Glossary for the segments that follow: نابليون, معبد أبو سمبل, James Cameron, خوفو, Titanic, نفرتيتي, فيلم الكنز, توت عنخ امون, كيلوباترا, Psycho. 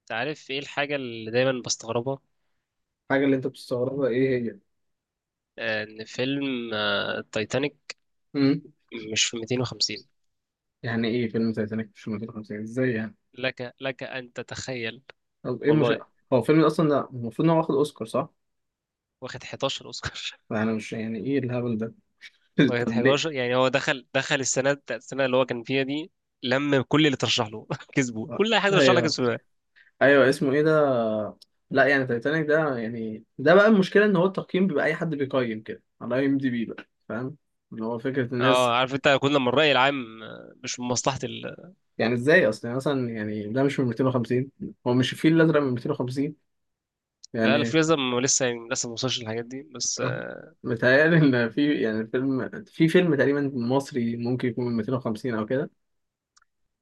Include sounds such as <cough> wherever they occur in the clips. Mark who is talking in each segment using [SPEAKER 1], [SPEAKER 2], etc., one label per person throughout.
[SPEAKER 1] انت عارف ايه الحاجة اللي دايما بستغربها؟
[SPEAKER 2] الحاجة اللي انت بتستغربها ايه هي؟
[SPEAKER 1] ان فيلم التايتانيك
[SPEAKER 2] امم.
[SPEAKER 1] مش في 250.
[SPEAKER 2] يعني ايه فيلم تايتانيك مش 1950 ازاي يعني؟
[SPEAKER 1] لك ان تتخيل.
[SPEAKER 2] طب ايه مش.
[SPEAKER 1] والله
[SPEAKER 2] هو فيلم اصلا ده المفروض ان هو واخد اوسكار صح؟
[SPEAKER 1] واخد 11 اوسكار.
[SPEAKER 2] يعني مش، يعني ايه الهبل ده؟
[SPEAKER 1] <laughs>
[SPEAKER 2] <laughs>
[SPEAKER 1] واخد
[SPEAKER 2] طب
[SPEAKER 1] 11،
[SPEAKER 2] ليه؟
[SPEAKER 1] يعني هو دخل السنة بتاعت السنة اللي هو كان فيها دي. لم كل اللي ترشح له <laughs> كسبه، كل حاجة ترشح لك
[SPEAKER 2] ايوه،
[SPEAKER 1] كسبوها.
[SPEAKER 2] ايوه، اسمه ايه ده؟ لا، يعني تايتانيك ده يعني ده بقى المشكلة ان هو التقييم بيبقى اي حد بيقيم كده على اي ام دي بي، بقى فاهم؟ اللي هو فكرة
[SPEAKER 1] اه،
[SPEAKER 2] الناس.
[SPEAKER 1] عارف انت كل لما الرأي العام مش من مصلحة ال...
[SPEAKER 2] يعني ازاي اصلا، يعني مثلا يعني ده مش من 250، هو مش الفيل الازرق من 250
[SPEAKER 1] لا لا، في
[SPEAKER 2] يعني.
[SPEAKER 1] لسه. لسه يعني لسه ما وصلش للحاجات دي، بس
[SPEAKER 2] أه. متهيألي إن في يعني فيلم في فيلم تقريبا مصري ممكن يكون من 250 أو كده.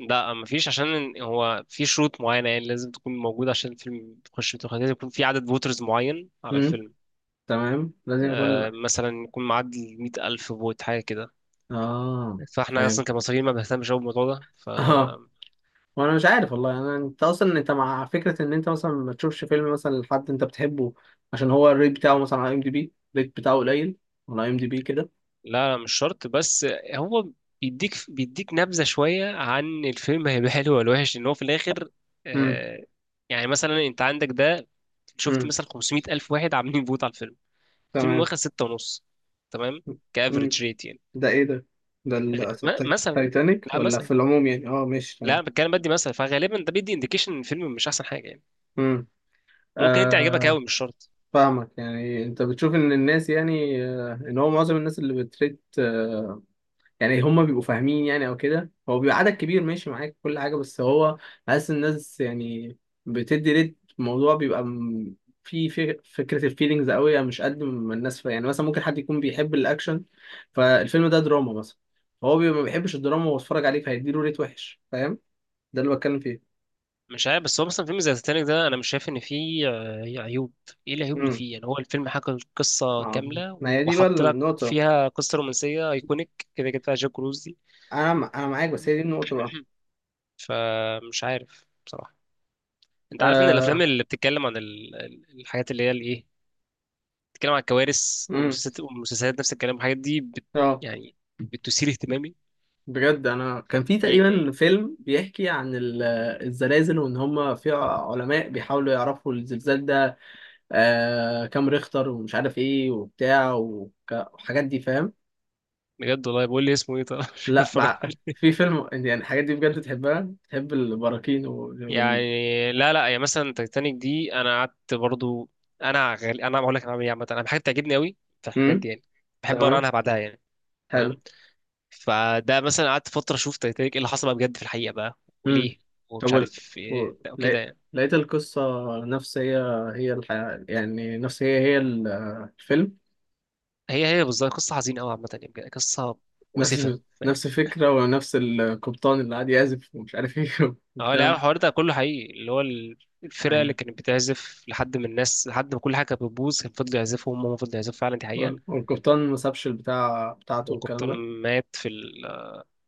[SPEAKER 1] لا، مفيش، عشان هو في شروط معينة يعني لازم تكون موجودة عشان الفيلم تخش في التقييم. لازم يكون في عدد فوترز معين على
[SPEAKER 2] امم.
[SPEAKER 1] الفيلم.
[SPEAKER 2] تمام، لازم يكون
[SPEAKER 1] آه مثلا يكون معدي 100 ألف فوت حاجة كده.
[SPEAKER 2] آه.
[SPEAKER 1] فاحنا
[SPEAKER 2] فاهم.
[SPEAKER 1] أصلا كمصريين ما بنهتمش أوي بالموضوع ده،
[SPEAKER 2] <laughs> آه.
[SPEAKER 1] فلا.
[SPEAKER 2] وأنا مش عارف والله، أنا أنت أصلا أنت مع فكرة إن أنت مثلا ما تشوفش فيلم مثلا لحد أنت بتحبه، عشان هو الريت بتاعه مثلا على أي إم دي بي الريت بتاعه قليل، على أي إم دي بي كده.
[SPEAKER 1] لا، مش شرط، بس هو بيديك نبذة شوية عن الفيلم، هيبقى حلو ولا وحش إن هو في الآخر.
[SPEAKER 2] امم.
[SPEAKER 1] آه. يعني مثلا أنت عندك ده، شفت
[SPEAKER 2] امم.
[SPEAKER 1] مثلا 500 ألف واحد عاملين فوت على الفيلم، الفيلم
[SPEAKER 2] تمام.
[SPEAKER 1] واخد ستة ونص، تمام،
[SPEAKER 2] امم.
[SPEAKER 1] كافريج ريت.
[SPEAKER 2] ده إيه ده؟ ده
[SPEAKER 1] غ... ما- مثلا يعني.
[SPEAKER 2] التايتانيك
[SPEAKER 1] لا
[SPEAKER 2] ولا
[SPEAKER 1] مثلا.
[SPEAKER 2] في العموم يعني؟ آه، ماشي
[SPEAKER 1] لا،
[SPEAKER 2] تمام.
[SPEAKER 1] بتكلم بدي مثلا، فغالبا ده بيدي انديكيشن ان الفيلم مش احسن حاجه يعني. ممكن انت يعجبك
[SPEAKER 2] امم.
[SPEAKER 1] قوي، مش شرط.
[SPEAKER 2] فاهمك، يعني انت بتشوف ان الناس، يعني ان هو معظم الناس اللي بتريد، يعني هم بيبقوا فاهمين، يعني او كده هو بيبقى عدد كبير ماشي معاك كل حاجه، بس هو حاسس الناس يعني بتدي ريت، الموضوع بيبقى في فكره الفيلينجز قوي، مش قد ما الناس يعني مثلا ممكن حد يكون بيحب الاكشن، فالفيلم ده دراما مثلا، هو بيبقى ما بيحبش الدراما وهو اتفرج عليه فهيديله ريت وحش، فاهم. ده اللي بتكلم فيه.
[SPEAKER 1] مش عارف، بس هو مثلا فيلم زي تitanic ده انا مش شايف ان فيه عيوب. ايه العيوب اللي
[SPEAKER 2] امم.
[SPEAKER 1] فيه يعني؟ هو الفيلم حكى القصه كامله
[SPEAKER 2] ما هي دي بقى
[SPEAKER 1] وحط لك
[SPEAKER 2] النقطه.
[SPEAKER 1] فيها قصه رومانسيه ايكونيك كده كده، فيها جاك كروز دي.
[SPEAKER 2] انا معاك، بس هي دي النقطه بقى.
[SPEAKER 1] <clears throat> فمش عارف بصراحه. انت عارف ان الافلام
[SPEAKER 2] آه،
[SPEAKER 1] اللي بتتكلم عن الحاجات اللي هي الايه، بتتكلم عن الكوارث،
[SPEAKER 2] امم.
[SPEAKER 1] ومسلسلات ومسلسلات نفس الكلام، الحاجات دي بت...
[SPEAKER 2] اه.
[SPEAKER 1] يعني بتثير اهتمامي.
[SPEAKER 2] بجد انا كان في
[SPEAKER 1] إيه،
[SPEAKER 2] تقريبا فيلم بيحكي عن الزلازل، وان هم في علماء بيحاولوا يعرفوا الزلزال ده كام ريختر ومش عارف ايه وبتاع والحاجات دي فاهم.
[SPEAKER 1] بجد، والله بقول لي اسمه ايه طب <laughs> مش
[SPEAKER 2] لا
[SPEAKER 1] هتفرج
[SPEAKER 2] بقى
[SPEAKER 1] عليه.
[SPEAKER 2] في فيلم يعني الحاجات دي بجد تحبها، تحب البراكين
[SPEAKER 1] يعني لا لا، يعني مثلا تايتانيك دي انا قعدت برضو. انا بقول لك انا بعمل ايه عامه. انا حاجه بتعجبني قوي في الحاجات
[SPEAKER 2] امم.
[SPEAKER 1] دي يعني، بحب اقرا
[SPEAKER 2] تمام.
[SPEAKER 1] عنها بعدها يعني. تمام.
[SPEAKER 2] حلو.
[SPEAKER 1] فده مثلا قعدت فتره اشوف تايتانيك ايه اللي حصل بقى بجد في الحقيقه بقى،
[SPEAKER 2] امم.
[SPEAKER 1] وليه،
[SPEAKER 2] طب
[SPEAKER 1] ومش عارف ايه بقى وكده
[SPEAKER 2] لقيت،
[SPEAKER 1] يعني.
[SPEAKER 2] لقيت القصة نفس هي، هي الحياة يعني نفس هي، هي الفيلم.
[SPEAKER 1] هي هي بالظبط قصه حزينه قوي عامه، يعني بجد قصه
[SPEAKER 2] نفس
[SPEAKER 1] مؤسفه.
[SPEAKER 2] <laughs>
[SPEAKER 1] فاهم.
[SPEAKER 2] نفس الفكرة ونفس القبطان اللي قاعد يعزف ومش عارف ايه <laughs>
[SPEAKER 1] اه لا،
[SPEAKER 2] والكلام ده
[SPEAKER 1] الحوار ده كله حقيقي، اللي هو الفرقه اللي
[SPEAKER 2] يعني.
[SPEAKER 1] كانت بتعزف لحد من الناس لحد ما كل حاجه كانت بتبوظ كان، فضلوا يعزفوا، هم فضلوا يعزفوا فعلا، دي حقيقه.
[SPEAKER 2] والقبطان ما سابش البتاع بتاعته والكلام
[SPEAKER 1] والقبطان
[SPEAKER 2] ده.
[SPEAKER 1] مات في ال...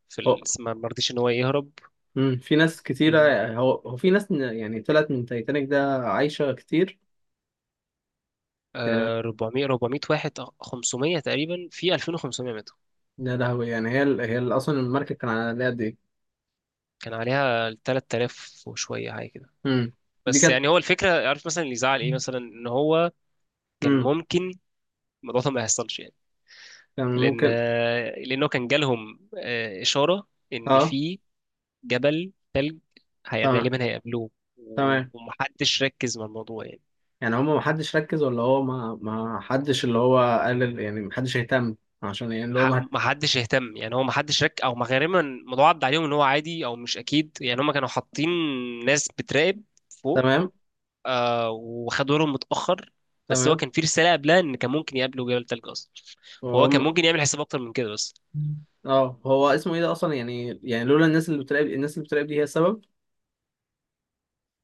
[SPEAKER 1] في
[SPEAKER 2] هو
[SPEAKER 1] ما رضيش ان هو يهرب.
[SPEAKER 2] مم، في ناس كتيرة،
[SPEAKER 1] و...
[SPEAKER 2] هو في ناس يعني طلعت من تايتانيك ده عايشة كتير يعني.
[SPEAKER 1] آه، 400 400 واحد، 500 تقريبا في 2500 ماتوا.
[SPEAKER 2] ده لهوي يعني، هي هي أصلا المركب كان على قد ايه.
[SPEAKER 1] كان عليها 3000 وشويه حاجه كده.
[SPEAKER 2] مم. دي
[SPEAKER 1] بس
[SPEAKER 2] كانت
[SPEAKER 1] يعني هو الفكره، عارف مثلا اللي يزعل ايه مثلا،
[SPEAKER 2] <laughs>
[SPEAKER 1] ان هو كان
[SPEAKER 2] مم.
[SPEAKER 1] ممكن الموضوع ده ما يحصلش يعني.
[SPEAKER 2] كان
[SPEAKER 1] لان
[SPEAKER 2] ممكن.
[SPEAKER 1] لانه كان جالهم اشاره ان
[SPEAKER 2] اه.
[SPEAKER 1] في جبل تلج هي
[SPEAKER 2] تمام.
[SPEAKER 1] غالبا هيقابلوه.
[SPEAKER 2] تمام،
[SPEAKER 1] ومحدش ركز مع الموضوع يعني.
[SPEAKER 2] يعني هما ما حدش ركز، ولا هو ما حدش اللي هو قال يعني ما حدش اهتم، عشان يعني اللي هو ما.
[SPEAKER 1] محدش اهتم يعني. هو محدش رك او ما- غالبا الموضوع عدى عليهم ان هو عادي او مش اكيد يعني. هم كانوا حاطين ناس بتراقب فوق.
[SPEAKER 2] تمام.
[SPEAKER 1] آه وخدوا بالهم متاخر. بس هو
[SPEAKER 2] تمام.
[SPEAKER 1] كان في رساله قبلها ان كان ممكن يقابلوا جبل تلج اصلا، فهو كان
[SPEAKER 2] هم.
[SPEAKER 1] ممكن يعمل حساب اكتر من كده بس.
[SPEAKER 2] اه، هو اسمه ايه ده اصلا يعني؟ يعني لولا الناس اللي بتراقب، الناس اللي بتراقب دي هي السبب.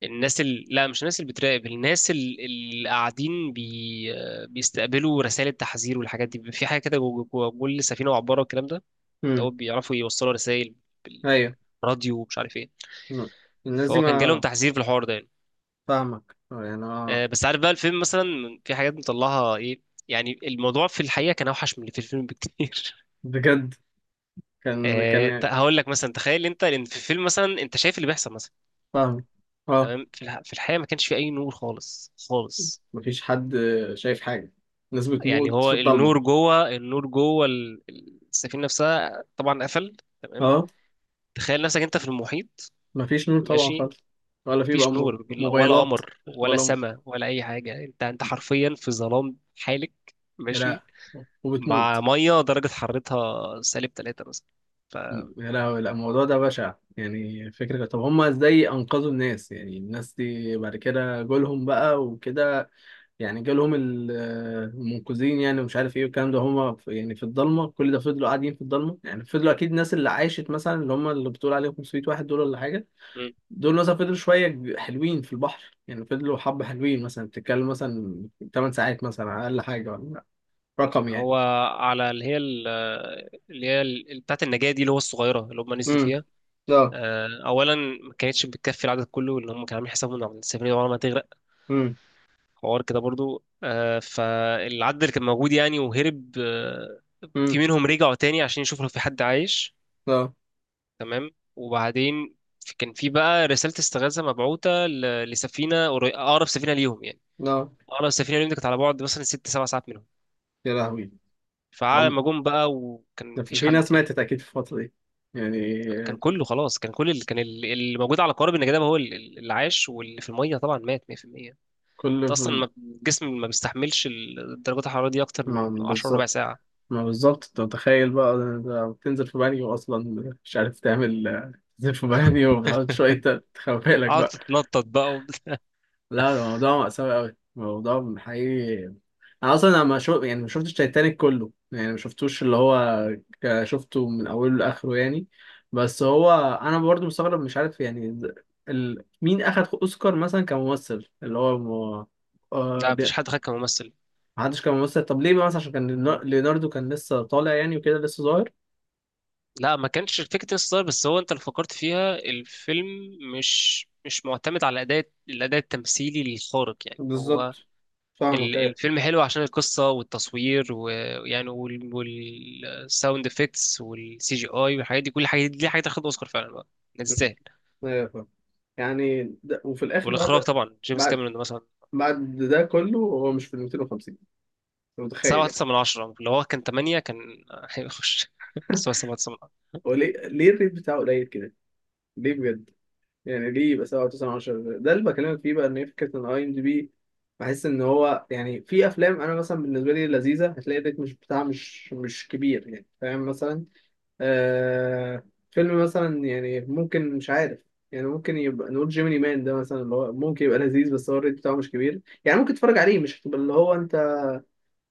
[SPEAKER 1] لا، مش الناس اللي بتراقب، الناس اللي قاعدين بي... آه، بيستقبلوا رسائل التحذير والحاجات دي. في حاجه كده جوه كل سفينه وعباره والكلام ده، ده هو
[SPEAKER 2] امم.
[SPEAKER 1] بيعرفوا يوصلوا رسائل
[SPEAKER 2] ايوه.
[SPEAKER 1] بالراديو ومش عارف ايه.
[SPEAKER 2] مم. الناس دي
[SPEAKER 1] فهو كان جالهم
[SPEAKER 2] ما.
[SPEAKER 1] تحذير في الحوار ده.
[SPEAKER 2] فاهمك، يعني اه.
[SPEAKER 1] بس عارف بقى، الفيلم مثلا في حاجات مطلعها ايه، يعني الموضوع في الحقيقه كان اوحش من اللي في الفيلم بكتير. <laughs>
[SPEAKER 2] بجد. كان كان
[SPEAKER 1] هقول لك مثلا، تخيل انت، لان في الفيلم مثلا انت شايف اللي بيحصل مثلا،
[SPEAKER 2] فاهم. اه.
[SPEAKER 1] تمام. في الحقيقه ما كانش في اي نور خالص خالص.
[SPEAKER 2] مفيش حد شايف حاجه، الناس
[SPEAKER 1] يعني
[SPEAKER 2] بتموت في
[SPEAKER 1] هو
[SPEAKER 2] الضلمه.
[SPEAKER 1] النور جوه، النور جوه السفينه نفسها طبعا قفل، تمام.
[SPEAKER 2] اه،
[SPEAKER 1] تخيل نفسك انت في المحيط،
[SPEAKER 2] مفيش نور طبعا
[SPEAKER 1] ماشي،
[SPEAKER 2] خالص. ولا في بقى
[SPEAKER 1] مفيش نور ولا
[SPEAKER 2] موبايلات.
[SPEAKER 1] قمر ولا
[SPEAKER 2] ولا.
[SPEAKER 1] سماء ولا اي حاجه، انت انت حرفيا في ظلام حالك، ماشي،
[SPEAKER 2] لا.
[SPEAKER 1] مع
[SPEAKER 2] وبتموت.
[SPEAKER 1] ميه درجه حرارتها سالب 3 مثلا. ف
[SPEAKER 2] يا لهوي، لا، الموضوع ده بشع. يعني فكرة، طب هما ازاي انقذوا الناس يعني؟ الناس دي بعد كده جولهم بقى وكده، يعني جالهم المنقذين يعني ومش عارف ايه والكلام ده، هما يعني في الضلمة كل ده فضلوا قاعدين في الضلمة. يعني فضلوا اكيد الناس اللي عاشت مثلا، اللي هما اللي بتقول عليهم 500 واحد دول ولا حاجة،
[SPEAKER 1] مم.
[SPEAKER 2] دول مثلا فضلوا شوية حلوين في البحر يعني، فضلوا حبة حلوين مثلا، بتتكلم مثلا 8 ساعات مثلا على اقل حاجة، ولا رقم يعني.
[SPEAKER 1] فهو على بتاعه النجاه دي، اللي هو الصغيره اللي هم نزلوا
[SPEAKER 2] امم.
[SPEAKER 1] فيها.
[SPEAKER 2] لا.
[SPEAKER 1] اولا ما كانتش بتكفي العدد كله اللي هم كانوا عاملين حسابهم ان السفينه دي عمرها ما هتغرق،
[SPEAKER 2] امم.
[SPEAKER 1] حوار كده برضو، فالعدد اللي كان موجود يعني وهرب، في
[SPEAKER 2] امم.
[SPEAKER 1] منهم رجعوا تاني عشان يشوفوا لو في حد عايش،
[SPEAKER 2] لا.
[SPEAKER 1] تمام. وبعدين كان في بقى رساله استغاثه مبعوثه اقرب سفينه ليهم يعني.
[SPEAKER 2] لا.
[SPEAKER 1] اه، لو السفينه اليوم دي كانت على بعد مثلا ست سبع ساعات منهم،
[SPEAKER 2] يا لهوي.
[SPEAKER 1] فعلى ما جم بقى وكان
[SPEAKER 2] ده في
[SPEAKER 1] مفيش
[SPEAKER 2] في
[SPEAKER 1] حد
[SPEAKER 2] ناس
[SPEAKER 1] يعني،
[SPEAKER 2] ماتت أكيد في الفترة دي يعني.
[SPEAKER 1] كان كله خلاص. كان كل اللي كان اللي موجود على قارب النجاة ده هو اللي عاش، واللي في الميه طبعا مات 100%. انت
[SPEAKER 2] كل.
[SPEAKER 1] اصلا الجسم ما بيستحملش درجات الحراره دي اكتر
[SPEAKER 2] ما
[SPEAKER 1] من 10 ربع
[SPEAKER 2] بالظبط.
[SPEAKER 1] ساعه.
[SPEAKER 2] ما بالظبط، أنت متخيل بقى ده بتنزل في بانيو أصلا مش عارف تعمل، تنزل في بانيو وبتحاول شوية
[SPEAKER 1] <laughs>
[SPEAKER 2] تخبي لك
[SPEAKER 1] قعد
[SPEAKER 2] بقى.
[SPEAKER 1] تتنطط بقى <laughs>
[SPEAKER 2] لا، الموضوع مأساوي أوي، الموضوع حقيقي. أنا أصلا أنا ما شو... يعني ما شفتش تايتانيك كله، يعني ما شفتوش اللي هو شفته من أوله لآخره يعني، بس هو أنا برضو مستغرب مش عارف يعني. مين أخد أوسكار مثلا كممثل اللي هو؟ م...
[SPEAKER 1] لا مفيش حد خد كممثل.
[SPEAKER 2] ما حدش كان ممثل، طب ليه بقى؟ مثلا عشان كان
[SPEAKER 1] مهم.
[SPEAKER 2] ليوناردو كان لسه طالع يعني وكده لسه صغير.
[SPEAKER 1] لا، ما كانش فكرة الستار، بس هو انت اللي فكرت فيها. الفيلم مش معتمد على الاداء التمثيلي الخارق يعني. هو
[SPEAKER 2] بالظبط. فاهمك ايه.
[SPEAKER 1] الفيلم حلو عشان القصة والتصوير ويعني، والساوند افكتس والسي جي اي والحاجات دي. كل حاجة دي حاجة تاخد اوسكار فعلا بقى، ما تستاهل.
[SPEAKER 2] ايوه، فاهم. يعني ده، وفي الاخر
[SPEAKER 1] والاخراج طبعا جيمس
[SPEAKER 2] بعد
[SPEAKER 1] كاميرون مثلا.
[SPEAKER 2] بعد ده كله هو مش في ال 250؟ انت متخيل
[SPEAKER 1] سبعة
[SPEAKER 2] يعني.
[SPEAKER 1] تسعة من عشرة. لو هو كان تمانية كان هيخش، <laughs> بس هو سبعة تسعة من عشرة.
[SPEAKER 2] <laughs> هو ليه الريت بتاعه قليل كده؟ ليه بجد؟ يعني ليه يبقى 7 9 10؟ ده اللي بكلمك فيه بقى، ان هي فكره ان اي ام دي بي، بحس ان هو يعني في افلام انا مثلا بالنسبه لي لذيذه هتلاقي الريت مش بتاعها مش كبير يعني فاهم مثلا. آه، فيلم مثلا يعني ممكن مش عارف، يعني ممكن يبقى نقول جيميني مان ده مثلا، اللي هو ممكن يبقى لذيذ بس هو الريت بتاعه مش كبير، يعني ممكن تتفرج عليه، مش هتبقى اللي هو انت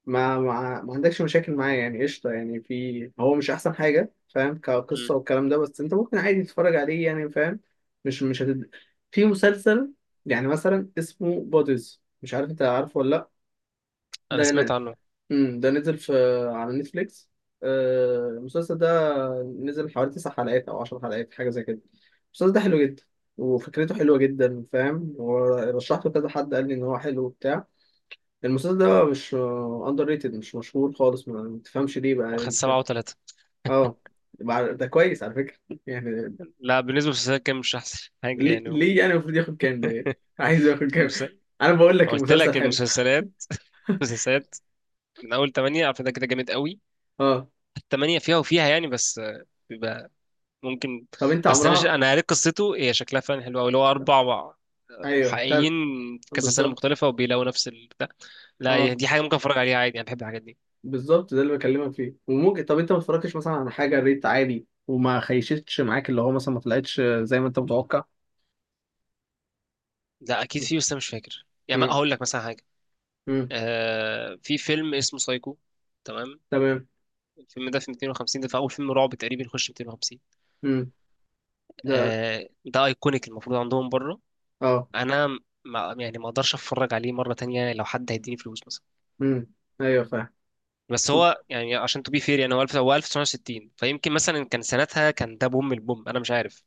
[SPEAKER 2] ما عندكش مشاكل معاه يعني قشطه، يعني في، هو مش احسن حاجه فاهم
[SPEAKER 1] مم.
[SPEAKER 2] كقصه والكلام ده، بس انت ممكن عادي تتفرج عليه يعني فاهم. مش مش هتد... في مسلسل يعني مثلا اسمه بوديز، مش عارف انت عارفه ولا.
[SPEAKER 1] أنا
[SPEAKER 2] لا،
[SPEAKER 1] سمعت
[SPEAKER 2] ده.
[SPEAKER 1] عنه.
[SPEAKER 2] امم. ده نزل في، على نتفليكس، المسلسل ده نزل حوالي تسع حلقات او عشر حلقات حاجه زي كده. المسلسل ده حلو جدا، وفكرته حلوه جدا فاهم، ورشحته كذا حد قال لي ان هو حلو وبتاع. المسلسل ده مش اندر ريتد، مش مشهور خالص، ما تفهمش ليه بقى إيه
[SPEAKER 1] واخد
[SPEAKER 2] الفكرة.
[SPEAKER 1] سبعة وتلاتة.
[SPEAKER 2] اه. ده كويس على فكره <laughs> يعني.
[SPEAKER 1] لا، بالنسبة للمسلسلات كان مش أحسن حاجة
[SPEAKER 2] ليه
[SPEAKER 1] يعني. هو
[SPEAKER 2] ليه يعني المفروض ياخد كام ده <laughs> يعني؟ عايز ياخد كام؟
[SPEAKER 1] المس-
[SPEAKER 2] انا بقول
[SPEAKER 1] ما
[SPEAKER 2] لك
[SPEAKER 1] قلت
[SPEAKER 2] المسلسل
[SPEAKER 1] لك،
[SPEAKER 2] حلو.
[SPEAKER 1] المسلسلات <laughs> المسلسلات من أول تمانية عارف ده كده جامد قوي،
[SPEAKER 2] اه.
[SPEAKER 1] التمانية فيها وفيها يعني، بس ممكن.
[SPEAKER 2] طب انت
[SPEAKER 1] بس
[SPEAKER 2] عمرها؟
[SPEAKER 1] انا قريت قصته هي، شكلها فعلا حلو قوي، اللي هو اربع
[SPEAKER 2] ايوه
[SPEAKER 1] محققين في كذا سنه
[SPEAKER 2] بالظبط.
[SPEAKER 1] مختلفه وبيلاقوا نفس البتاع. لا، هي
[SPEAKER 2] اه،
[SPEAKER 1] دي حاجه ممكن اتفرج عليها عادي، انا بحب الحاجات دي.
[SPEAKER 2] بالظبط ده اللي بكلمك فيه، وممكن طب انت ما اتفرجتش مثلا على حاجه ريت عالي وما خيشتش معاك، اللي هو مثلا ما طلعتش زي ما انت متوقع؟
[SPEAKER 1] لا اكيد في، بس انا مش فاكر يعني، ما
[SPEAKER 2] امم.
[SPEAKER 1] هقول لك مثلا حاجه.
[SPEAKER 2] امم.
[SPEAKER 1] في فيلم اسمه سايكو، تمام.
[SPEAKER 2] تمام.
[SPEAKER 1] الفيلم ده في 250، ده في اول فيلم رعب تقريبا يخش 250.
[SPEAKER 2] امم. ده.
[SPEAKER 1] ده ايكونيك المفروض عندهم بره.
[SPEAKER 2] اه.
[SPEAKER 1] انا ما يعني ما اقدرش اتفرج عليه مره تانية لو حد هيديني فلوس مثلا.
[SPEAKER 2] امم. ايوه فاهم.
[SPEAKER 1] بس هو يعني عشان تو بي فير يعني، هو 1000 هو 1960، فيمكن مثلا كان سنتها كان ده بوم البوم انا مش عارف،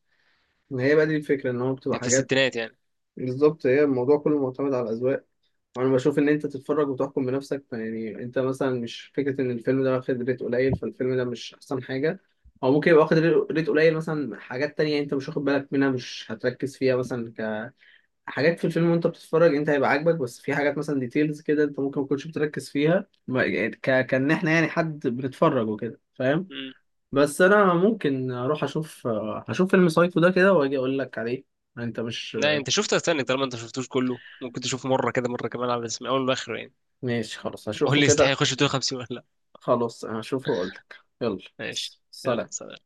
[SPEAKER 2] ما هي بقى دي الفكره ان هو بتبقى
[SPEAKER 1] كان في
[SPEAKER 2] حاجات.
[SPEAKER 1] الستينات يعني.
[SPEAKER 2] بالظبط، هي الموضوع كله معتمد على الاذواق. وانا بشوف ان انت تتفرج وتحكم بنفسك يعني، انت مثلا مش فكره ان الفيلم ده واخد ريت قليل فالفيلم ده مش احسن حاجه، او ممكن يبقى واخد ريت قليل مثلا، حاجات تانية انت مش واخد بالك منها مش هتركز فيها مثلا، حاجات في الفيلم وانت بتتفرج انت هيبقى عاجبك، بس في حاجات مثلا ديتيلز كده انت ممكن ما تكونش بتركز فيها يعني كان احنا يعني حد بنتفرج وكده فاهم.
[SPEAKER 1] امم
[SPEAKER 2] بس انا ممكن اروح اشوف، هشوف فيلم سايكو ده كده واجي اقول لك عليه. انت مش.
[SPEAKER 1] لا، انت شفت تايتانيك طالما انت شفتوش كله، ممكن تشوفه مره كده مره كمان على اسم اول واخره يعني.
[SPEAKER 2] ماشي خلاص
[SPEAKER 1] قول
[SPEAKER 2] هشوفه
[SPEAKER 1] لي يستحق
[SPEAKER 2] كده.
[SPEAKER 1] يخش دور 50 ولا لا.
[SPEAKER 2] خلاص هشوفه واقول لك. يلا.
[SPEAKER 1] ماشي، يلا
[SPEAKER 2] سلام.
[SPEAKER 1] سلام.